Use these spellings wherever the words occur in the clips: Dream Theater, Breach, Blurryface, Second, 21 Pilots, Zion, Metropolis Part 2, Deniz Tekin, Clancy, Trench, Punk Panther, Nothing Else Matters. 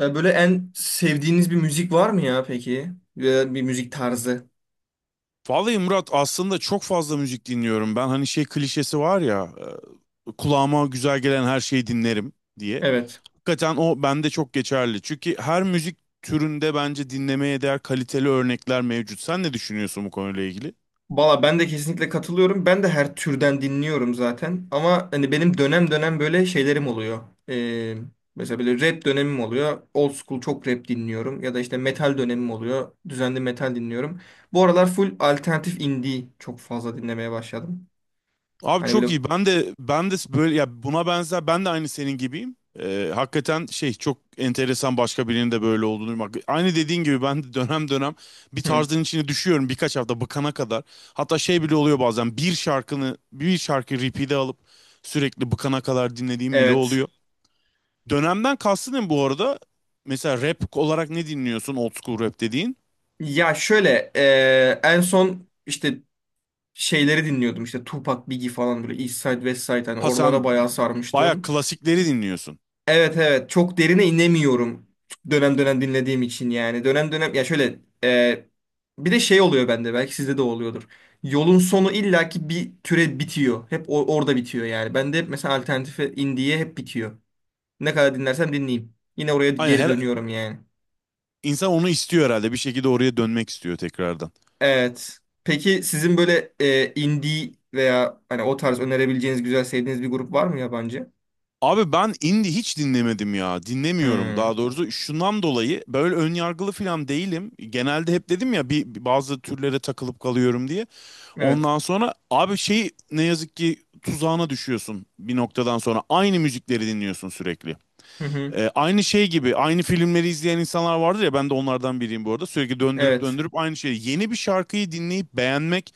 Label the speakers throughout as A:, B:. A: Böyle en sevdiğiniz bir müzik var mı ya peki? Veya bir müzik tarzı.
B: Vallahi Murat aslında çok fazla müzik dinliyorum. Ben hani şey klişesi var ya kulağıma güzel gelen her şeyi dinlerim diye.
A: Evet.
B: Hakikaten o bende çok geçerli. Çünkü her müzik türünde bence dinlemeye değer kaliteli örnekler mevcut. Sen ne düşünüyorsun bu konuyla ilgili?
A: Valla ben de kesinlikle katılıyorum. Ben de her türden dinliyorum zaten. Ama hani benim dönem dönem böyle şeylerim oluyor. E, Mesela böyle rap dönemim oluyor. Old school çok rap dinliyorum. Ya da işte metal dönemim oluyor. Düzenli metal dinliyorum. Bu aralar full alternatif indie çok fazla dinlemeye başladım.
B: Abi
A: Hani böyle...
B: çok iyi. Ben de böyle ya buna benzer ben de aynı senin gibiyim. Hakikaten şey çok enteresan başka birinin de böyle olduğunu duymak. Aynı dediğin gibi ben de dönem dönem bir
A: Hı,
B: tarzın içine düşüyorum birkaç hafta bıkana kadar. Hatta şey bile oluyor bazen bir şarkı repeat'e alıp sürekli bıkana kadar dinlediğim bile
A: evet.
B: oluyor. Dönemden kastın ne bu arada? Mesela rap olarak ne dinliyorsun old school rap dediğin?
A: Ya şöyle en son işte şeyleri dinliyordum işte Tupac, Biggie falan böyle East Side, West Side hani
B: Ha
A: oralara
B: sen
A: bayağı
B: baya
A: sarmıştım.
B: klasikleri dinliyorsun.
A: Evet, evet, çok derine inemiyorum dönem dönem dinlediğim için. Yani dönem dönem ya şöyle, bir de şey oluyor bende, belki sizde de oluyordur. Yolun sonu illaki bir türe bitiyor. Hep orada bitiyor yani. Bende hep mesela alternatife, indiye hep bitiyor. Ne kadar dinlersem dinleyeyim, yine oraya
B: Aynen
A: geri
B: her,
A: dönüyorum yani.
B: İnsan onu istiyor herhalde. Bir şekilde oraya dönmek istiyor tekrardan.
A: Evet. Peki sizin böyle indie veya hani o tarz önerebileceğiniz güzel sevdiğiniz bir grup var mı yabancı?
B: Abi ben indie hiç dinlemedim ya. Dinlemiyorum
A: Hmm,
B: daha doğrusu. Şundan dolayı böyle ön yargılı falan değilim. Genelde hep dedim ya bir bazı türlere takılıp kalıyorum diye.
A: evet.
B: Ondan sonra abi şey ne yazık ki tuzağına düşüyorsun bir noktadan sonra. Aynı müzikleri dinliyorsun sürekli.
A: Hı hı,
B: Aynı şey gibi aynı filmleri izleyen insanlar vardır ya ben de onlardan biriyim bu arada. Sürekli döndürüp
A: evet.
B: döndürüp aynı şeyi. Yeni bir şarkıyı dinleyip beğenmek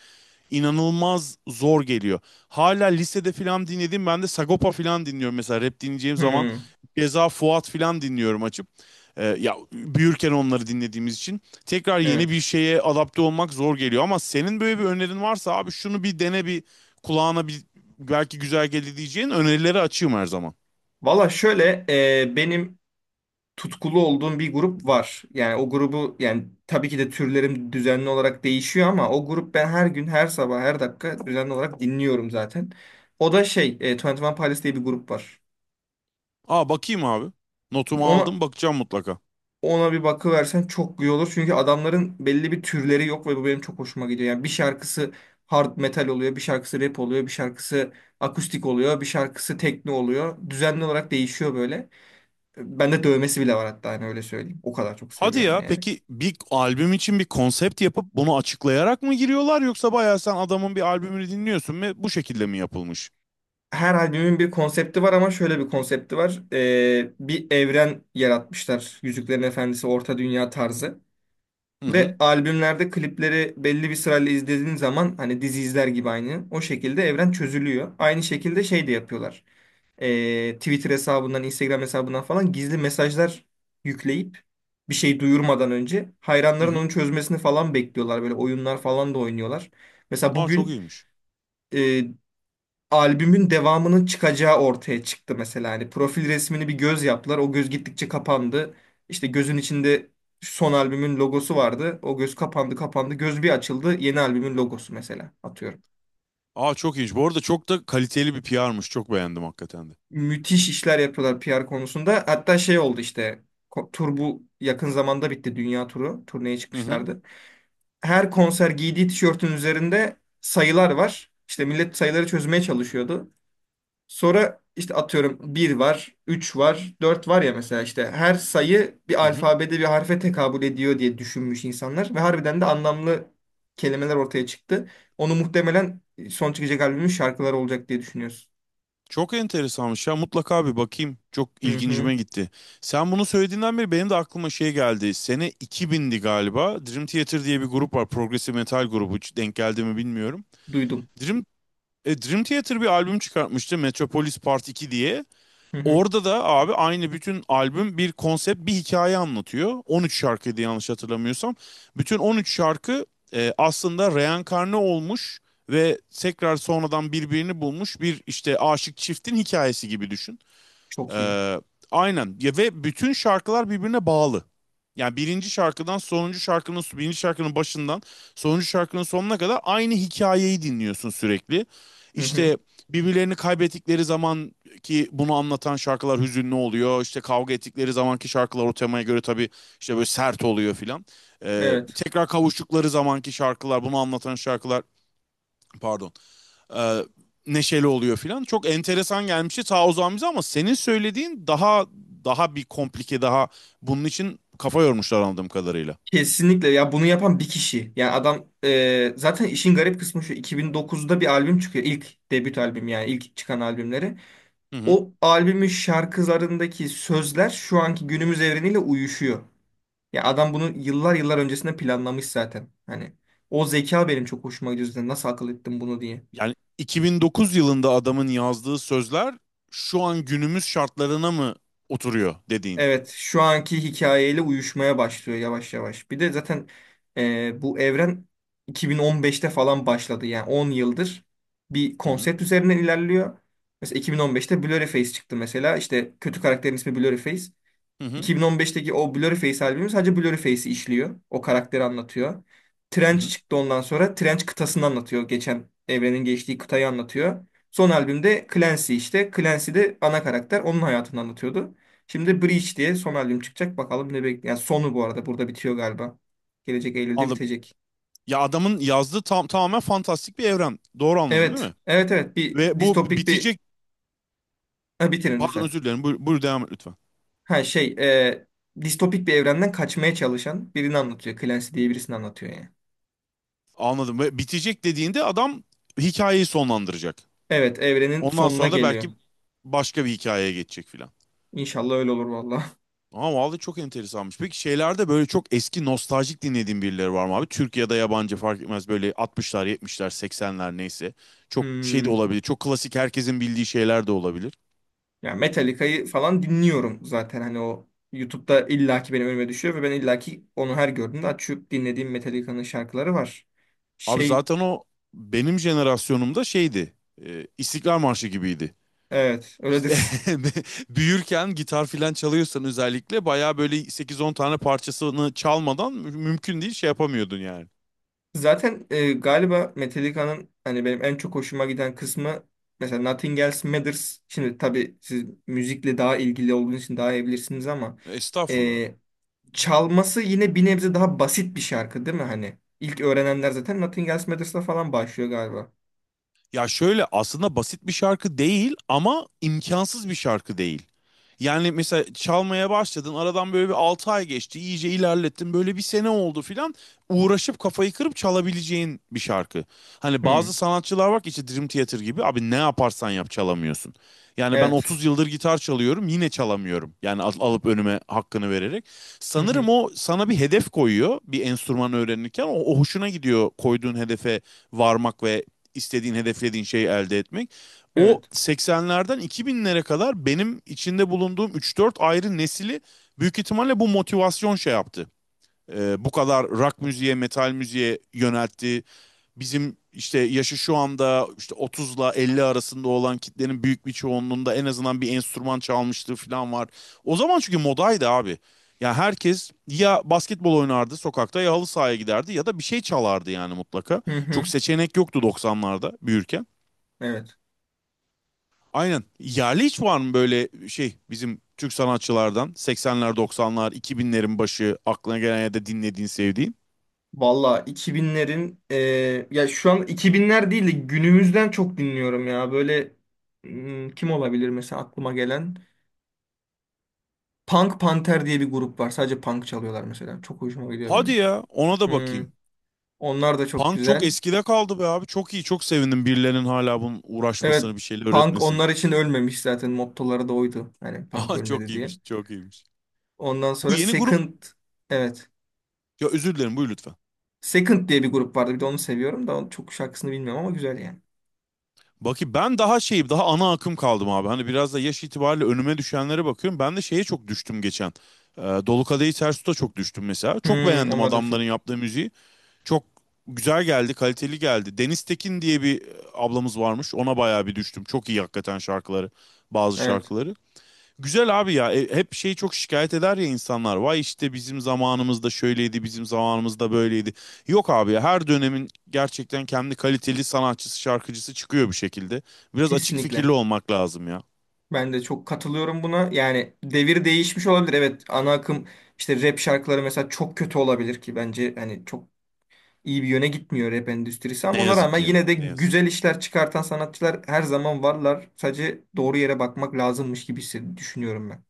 B: inanılmaz zor geliyor. Hala lisede filan dinledim ben de Sagopa filan dinliyorum mesela rap dinleyeceğim zaman.
A: Hmm,
B: Ceza Fuat filan dinliyorum açıp. Ya büyürken onları dinlediğimiz için tekrar yeni
A: evet.
B: bir şeye adapte olmak zor geliyor ama senin böyle bir önerin varsa abi şunu bir dene bir kulağına bir belki güzel gelir diyeceğin önerileri açığım her zaman.
A: Valla şöyle, benim tutkulu olduğum bir grup var. Yani o grubu, yani tabii ki de türlerim düzenli olarak değişiyor ama o grup, ben her gün, her sabah, her dakika düzenli olarak dinliyorum zaten. O da 21 Pilots diye bir grup var.
B: Aa bakayım abi. Notumu
A: Onu
B: aldım bakacağım mutlaka.
A: Ona bir bakıversen çok iyi olur. Çünkü adamların belli bir türleri yok ve bu benim çok hoşuma gidiyor. Yani bir şarkısı hard metal oluyor, bir şarkısı rap oluyor, bir şarkısı akustik oluyor, bir şarkısı tekno oluyor. Düzenli olarak değişiyor böyle. Bende dövmesi bile var hatta, hani öyle söyleyeyim. O kadar çok
B: Hadi
A: seviyorum
B: ya
A: yani.
B: peki bir albüm için bir konsept yapıp bunu açıklayarak mı giriyorlar yoksa bayağı sen adamın bir albümünü dinliyorsun ve bu şekilde mi yapılmış?
A: Her albümün bir konsepti var, ama şöyle bir konsepti var. Bir evren yaratmışlar. Yüzüklerin Efendisi, Orta Dünya tarzı.
B: Hı hı.
A: Ve albümlerde klipleri belli bir sırayla izlediğin zaman hani dizi izler gibi aynı. O şekilde evren çözülüyor. Aynı şekilde şey de yapıyorlar. Twitter hesabından, Instagram hesabından falan gizli mesajlar yükleyip bir şey duyurmadan önce
B: Hı
A: hayranların
B: hı.
A: onu çözmesini falan bekliyorlar. Böyle oyunlar falan da oynuyorlar. Mesela
B: Aa çok
A: bugün
B: iyiymiş.
A: e, albümün devamının çıkacağı ortaya çıktı mesela. Hani profil resmini bir göz yaptılar. O göz gittikçe kapandı. İşte gözün içinde son albümün logosu vardı. O göz kapandı, kapandı. Göz bir açıldı. Yeni albümün logosu, mesela, atıyorum.
B: Aa çok iyiymiş. Bu arada çok da kaliteli bir PR'mış. Çok beğendim hakikaten de.
A: Müthiş işler yapıyorlar PR konusunda. Hatta şey oldu işte, tur bu yakın zamanda bitti. Dünya turu. Turneye
B: Hı hı.
A: çıkmışlardı. Her konser giydiği tişörtün üzerinde sayılar var. İşte millet sayıları çözmeye çalışıyordu. Sonra işte, atıyorum, bir var, 3 var, 4 var ya mesela, işte her sayı bir
B: Hı hı.
A: alfabede bir harfe tekabül ediyor diye düşünmüş insanlar ve harbiden de anlamlı kelimeler ortaya çıktı. Onu muhtemelen son çıkacak albümün şarkıları olacak diye düşünüyorsun.
B: Çok enteresanmış ya mutlaka bir bakayım. Çok
A: Hı hı,
B: ilgincime gitti. Sen bunu söylediğinden beri benim de aklıma şey geldi. Sene 2000'di galiba. Dream Theater diye bir grup var. Progressive metal grubu. Hiç denk geldi mi bilmiyorum.
A: duydum.
B: Dream Dream Theater bir albüm çıkartmıştı Metropolis Part 2 diye.
A: Hı hı,
B: Orada da abi aynı bütün albüm bir konsept bir hikaye anlatıyor. 13 şarkıydı yanlış hatırlamıyorsam. Bütün 13 şarkı aslında reenkarne olmuş ve tekrar sonradan birbirini bulmuş bir işte aşık çiftin hikayesi gibi düşün.
A: çok iyi.
B: Ee, aynen. Ya ve bütün şarkılar birbirine bağlı. Yani birinci şarkıdan sonuncu şarkının birinci şarkının başından sonuncu şarkının sonuna kadar aynı hikayeyi dinliyorsun sürekli.
A: Hı hı,
B: İşte birbirlerini kaybettikleri zaman ki bunu anlatan şarkılar hüzünlü oluyor. İşte kavga ettikleri zamanki şarkılar o temaya göre tabii işte böyle sert oluyor filan.
A: evet.
B: Tekrar kavuştukları zamanki şarkılar bunu anlatan şarkılar, pardon, e, neşeli oluyor filan. Çok enteresan gelmişti ta o zaman bize ama senin söylediğin daha bir komplike, daha bunun için kafa yormuşlar anladığım kadarıyla.
A: Kesinlikle ya, bunu yapan bir kişi. Yani adam, zaten işin garip kısmı şu: 2009'da bir albüm çıkıyor. İlk debüt albüm, yani ilk çıkan albümleri.
B: Hı hı.
A: O albümün şarkılarındaki sözler şu anki günümüz evreniyle uyuşuyor. Ya adam bunu yıllar yıllar öncesinde planlamış zaten. Hani o zeka benim çok hoşuma gidiyor zaten. Nasıl akıl ettim bunu diye.
B: Yani 2009 yılında adamın yazdığı sözler şu an günümüz şartlarına mı oturuyor dediğin.
A: Evet, şu anki hikayeyle uyuşmaya başlıyor yavaş yavaş. Bir de zaten bu evren 2015'te falan başladı. Yani 10 yıldır bir
B: Hı hı.
A: konsept üzerinden ilerliyor. Mesela 2015'te Blurryface çıktı. Mesela. İşte kötü karakterin ismi Blurryface.
B: Hı hı.
A: 2015'teki o Blurry Face albümü sadece Blurry Face'i işliyor. O karakteri anlatıyor.
B: Hı
A: Trench
B: hı.
A: çıktı ondan sonra. Trench kıtasını anlatıyor. Geçen, evrenin geçtiği kıtayı anlatıyor. Son albümde Clancy işte. Clancy de ana karakter. Onun hayatını anlatıyordu. Şimdi Breach diye son albüm çıkacak. Bakalım ne bekliyor. Yani sonu bu arada burada bitiyor galiba. Gelecek Eylül'de
B: Anladım.
A: bitecek.
B: Ya adamın yazdığı tam tamamen fantastik bir evren. Doğru anladım değil
A: Evet.
B: mi?
A: Evet, evet. Bir
B: Ve bu
A: distopik bir...
B: bitecek,
A: Ha, bitirin
B: pardon,
A: lütfen.
B: özür dilerim. Buyur, buyur devam et lütfen.
A: Ha, distopik bir evrenden kaçmaya çalışan birini anlatıyor. Clancy diye birisini anlatıyor yani.
B: Anladım. Ve bitecek dediğinde adam hikayeyi sonlandıracak.
A: Evet, evrenin
B: Ondan
A: sonuna
B: sonra da
A: geliyor.
B: belki başka bir hikayeye geçecek filan.
A: İnşallah öyle olur valla.
B: Ama vallahi çok enteresanmış. Peki şeylerde böyle çok eski nostaljik dinlediğin birileri var mı abi? Türkiye'de yabancı fark etmez böyle 60'lar, 70'ler, 80'ler neyse. Çok şey de
A: Hmm.
B: olabilir. Çok klasik herkesin bildiği şeyler de olabilir.
A: Ya Metallica'yı falan dinliyorum zaten, hani o YouTube'da illaki benim önüme düşüyor ve ben illaki onu her gördüğümde açıp dinlediğim Metallica'nın şarkıları var.
B: Abi
A: Şey
B: zaten o benim jenerasyonumda şeydi. İstiklal Marşı gibiydi.
A: evet
B: Biz
A: öyledir.
B: büyürken gitar filan çalıyorsan özellikle bayağı böyle 8-10 tane parçasını çalmadan mümkün değil şey yapamıyordun yani.
A: Zaten galiba Metallica'nın hani benim en çok hoşuma giden kısmı mesela Nothing Else Matters. Şimdi tabii siz müzikle daha ilgili olduğunuz için daha iyi bilirsiniz ama
B: Estağfurullah.
A: e, çalması yine bir nebze daha basit bir şarkı değil mi hani? İlk öğrenenler zaten Nothing Else Matters'la falan başlıyor galiba.
B: Ya şöyle aslında basit bir şarkı değil ama imkansız bir şarkı değil. Yani mesela çalmaya başladın aradan böyle bir 6 ay geçti iyice ilerlettin böyle bir sene oldu filan uğraşıp kafayı kırıp çalabileceğin bir şarkı. Hani bazı
A: Hı,
B: sanatçılar var ki işte Dream Theater gibi abi ne yaparsan yap çalamıyorsun. Yani ben
A: evet.
B: 30 yıldır gitar çalıyorum yine çalamıyorum. Yani alıp önüme hakkını vererek.
A: Hı hı,
B: Sanırım o sana bir hedef koyuyor bir enstrüman öğrenirken o hoşuna gidiyor koyduğun hedefe varmak ve istediğin, hedeflediğin şeyi elde etmek. O
A: evet.
B: 80'lerden 2000'lere kadar benim içinde bulunduğum 3-4 ayrı nesili büyük ihtimalle bu motivasyon şey yaptı. Bu kadar rock müziğe, metal müziğe yöneltti bizim işte yaşı şu anda işte 30'la 50 arasında olan kitlenin büyük bir çoğunluğunda en azından bir enstrüman çalmışlığı falan var. O zaman çünkü modaydı abi. Ya herkes ya basketbol oynardı sokakta ya halı sahaya giderdi ya da bir şey çalardı yani mutlaka.
A: Hı hı,
B: Çok seçenek yoktu 90'larda büyürken.
A: evet.
B: Aynen. Yerli hiç var mı böyle şey bizim Türk sanatçılardan 80'ler 90'lar 2000'lerin başı aklına gelen ya da dinlediğin sevdiğin?
A: Valla 2000'lerin ya şu an 2000'ler değil de günümüzden çok dinliyorum ya. Böyle, kim olabilir mesela aklıma gelen? Punk Panther diye bir grup var. Sadece punk çalıyorlar mesela. Çok hoşuma gidiyor
B: Hadi
A: benim.
B: ya ona da
A: Hı,
B: bakayım.
A: onlar da çok
B: Punk çok
A: güzel.
B: eskide kaldı be abi. Çok iyi. Çok sevindim birilerinin hala bunun
A: Evet.
B: uğraşmasını, bir şeyler
A: Punk
B: öğretmesini.
A: onlar için ölmemiş zaten. Mottoları da oydu, hani punk
B: Aha çok
A: ölmedi diye.
B: iyiymiş. Çok iyiymiş.
A: Ondan
B: Bu
A: sonra
B: yeni grup
A: Second. Evet.
B: ya özür dilerim buyur lütfen.
A: Second diye bir grup vardı. Bir de onu seviyorum da, onun çok şarkısını bilmiyorum ama güzel yani.
B: Bakayım ben daha şeyim daha ana akım kaldım abi. Hani biraz da yaş itibariyle önüme düşenlere bakıyorum. Ben de şeye çok düştüm geçen. Dolu Kadehi Ters Tut'a çok düştüm mesela. Çok
A: Hmm,
B: beğendim
A: onlar da çok.
B: adamların yaptığı müziği. Çok güzel geldi, kaliteli geldi. Deniz Tekin diye bir ablamız varmış. Ona bayağı bir düştüm. Çok iyi hakikaten şarkıları, bazı
A: Evet.
B: şarkıları. Güzel abi ya. Hep şeyi çok şikayet eder ya insanlar. Vay işte bizim zamanımızda şöyleydi, bizim zamanımızda böyleydi. Yok abi ya her dönemin gerçekten kendi kaliteli sanatçısı, şarkıcısı çıkıyor bir şekilde. Biraz açık fikirli
A: Kesinlikle.
B: olmak lazım ya.
A: Ben de çok katılıyorum buna. Yani devir değişmiş olabilir. Evet, ana akım işte rap şarkıları mesela çok kötü olabilir ki, bence hani çok iyi bir yöne gitmiyor rap endüstrisi, ama
B: Ne
A: ona
B: yazık
A: rağmen
B: ki ya.
A: yine de
B: Ne yazık.
A: güzel işler çıkartan sanatçılar her zaman varlar. Sadece doğru yere bakmak lazımmış gibi düşünüyorum ben.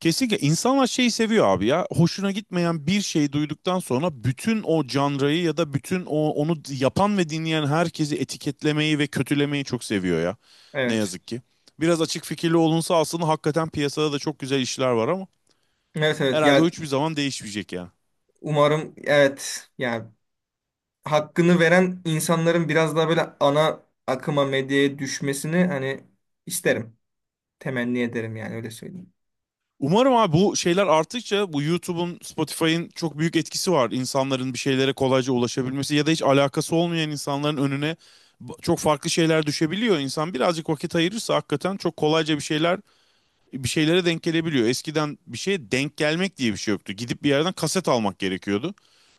B: Kesinlikle insanlar şeyi seviyor abi ya. Hoşuna gitmeyen bir şey duyduktan sonra bütün o janrayı ya da bütün o onu yapan ve dinleyen herkesi etiketlemeyi ve kötülemeyi çok seviyor ya. Ne
A: Evet.
B: yazık ki. Biraz açık fikirli olunsa aslında hakikaten piyasada da çok güzel işler var ama
A: Evet, evet.
B: herhalde o
A: Ya,
B: hiçbir zaman değişmeyecek yani.
A: umarım. Evet, yani hakkını veren insanların biraz daha böyle ana akıma, medyaya düşmesini hani isterim. Temenni ederim yani, öyle söyleyeyim.
B: Umarım abi, bu şeyler arttıkça bu YouTube'un, Spotify'ın çok büyük etkisi var. İnsanların bir şeylere kolayca ulaşabilmesi ya da hiç alakası olmayan insanların önüne çok farklı şeyler düşebiliyor. İnsan birazcık vakit ayırırsa hakikaten çok kolayca bir şeylere denk gelebiliyor. Eskiden bir şeye denk gelmek diye bir şey yoktu. Gidip bir yerden kaset almak gerekiyordu.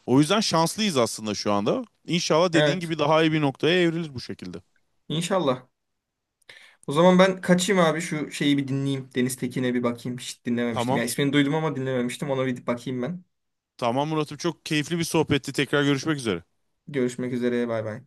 B: O yüzden şanslıyız aslında şu anda. İnşallah dediğin
A: Evet,
B: gibi daha iyi bir noktaya evrilir bu şekilde.
A: inşallah. O zaman ben kaçayım abi, şu şeyi bir dinleyeyim. Deniz Tekin'e bir bakayım. Hiç dinlememiştim.
B: Tamam.
A: Ya ismini duydum ama dinlememiştim. Ona bir bakayım ben.
B: Tamam Murat'ım çok keyifli bir sohbetti. Tekrar görüşmek üzere.
A: Görüşmek üzere. Bay bay.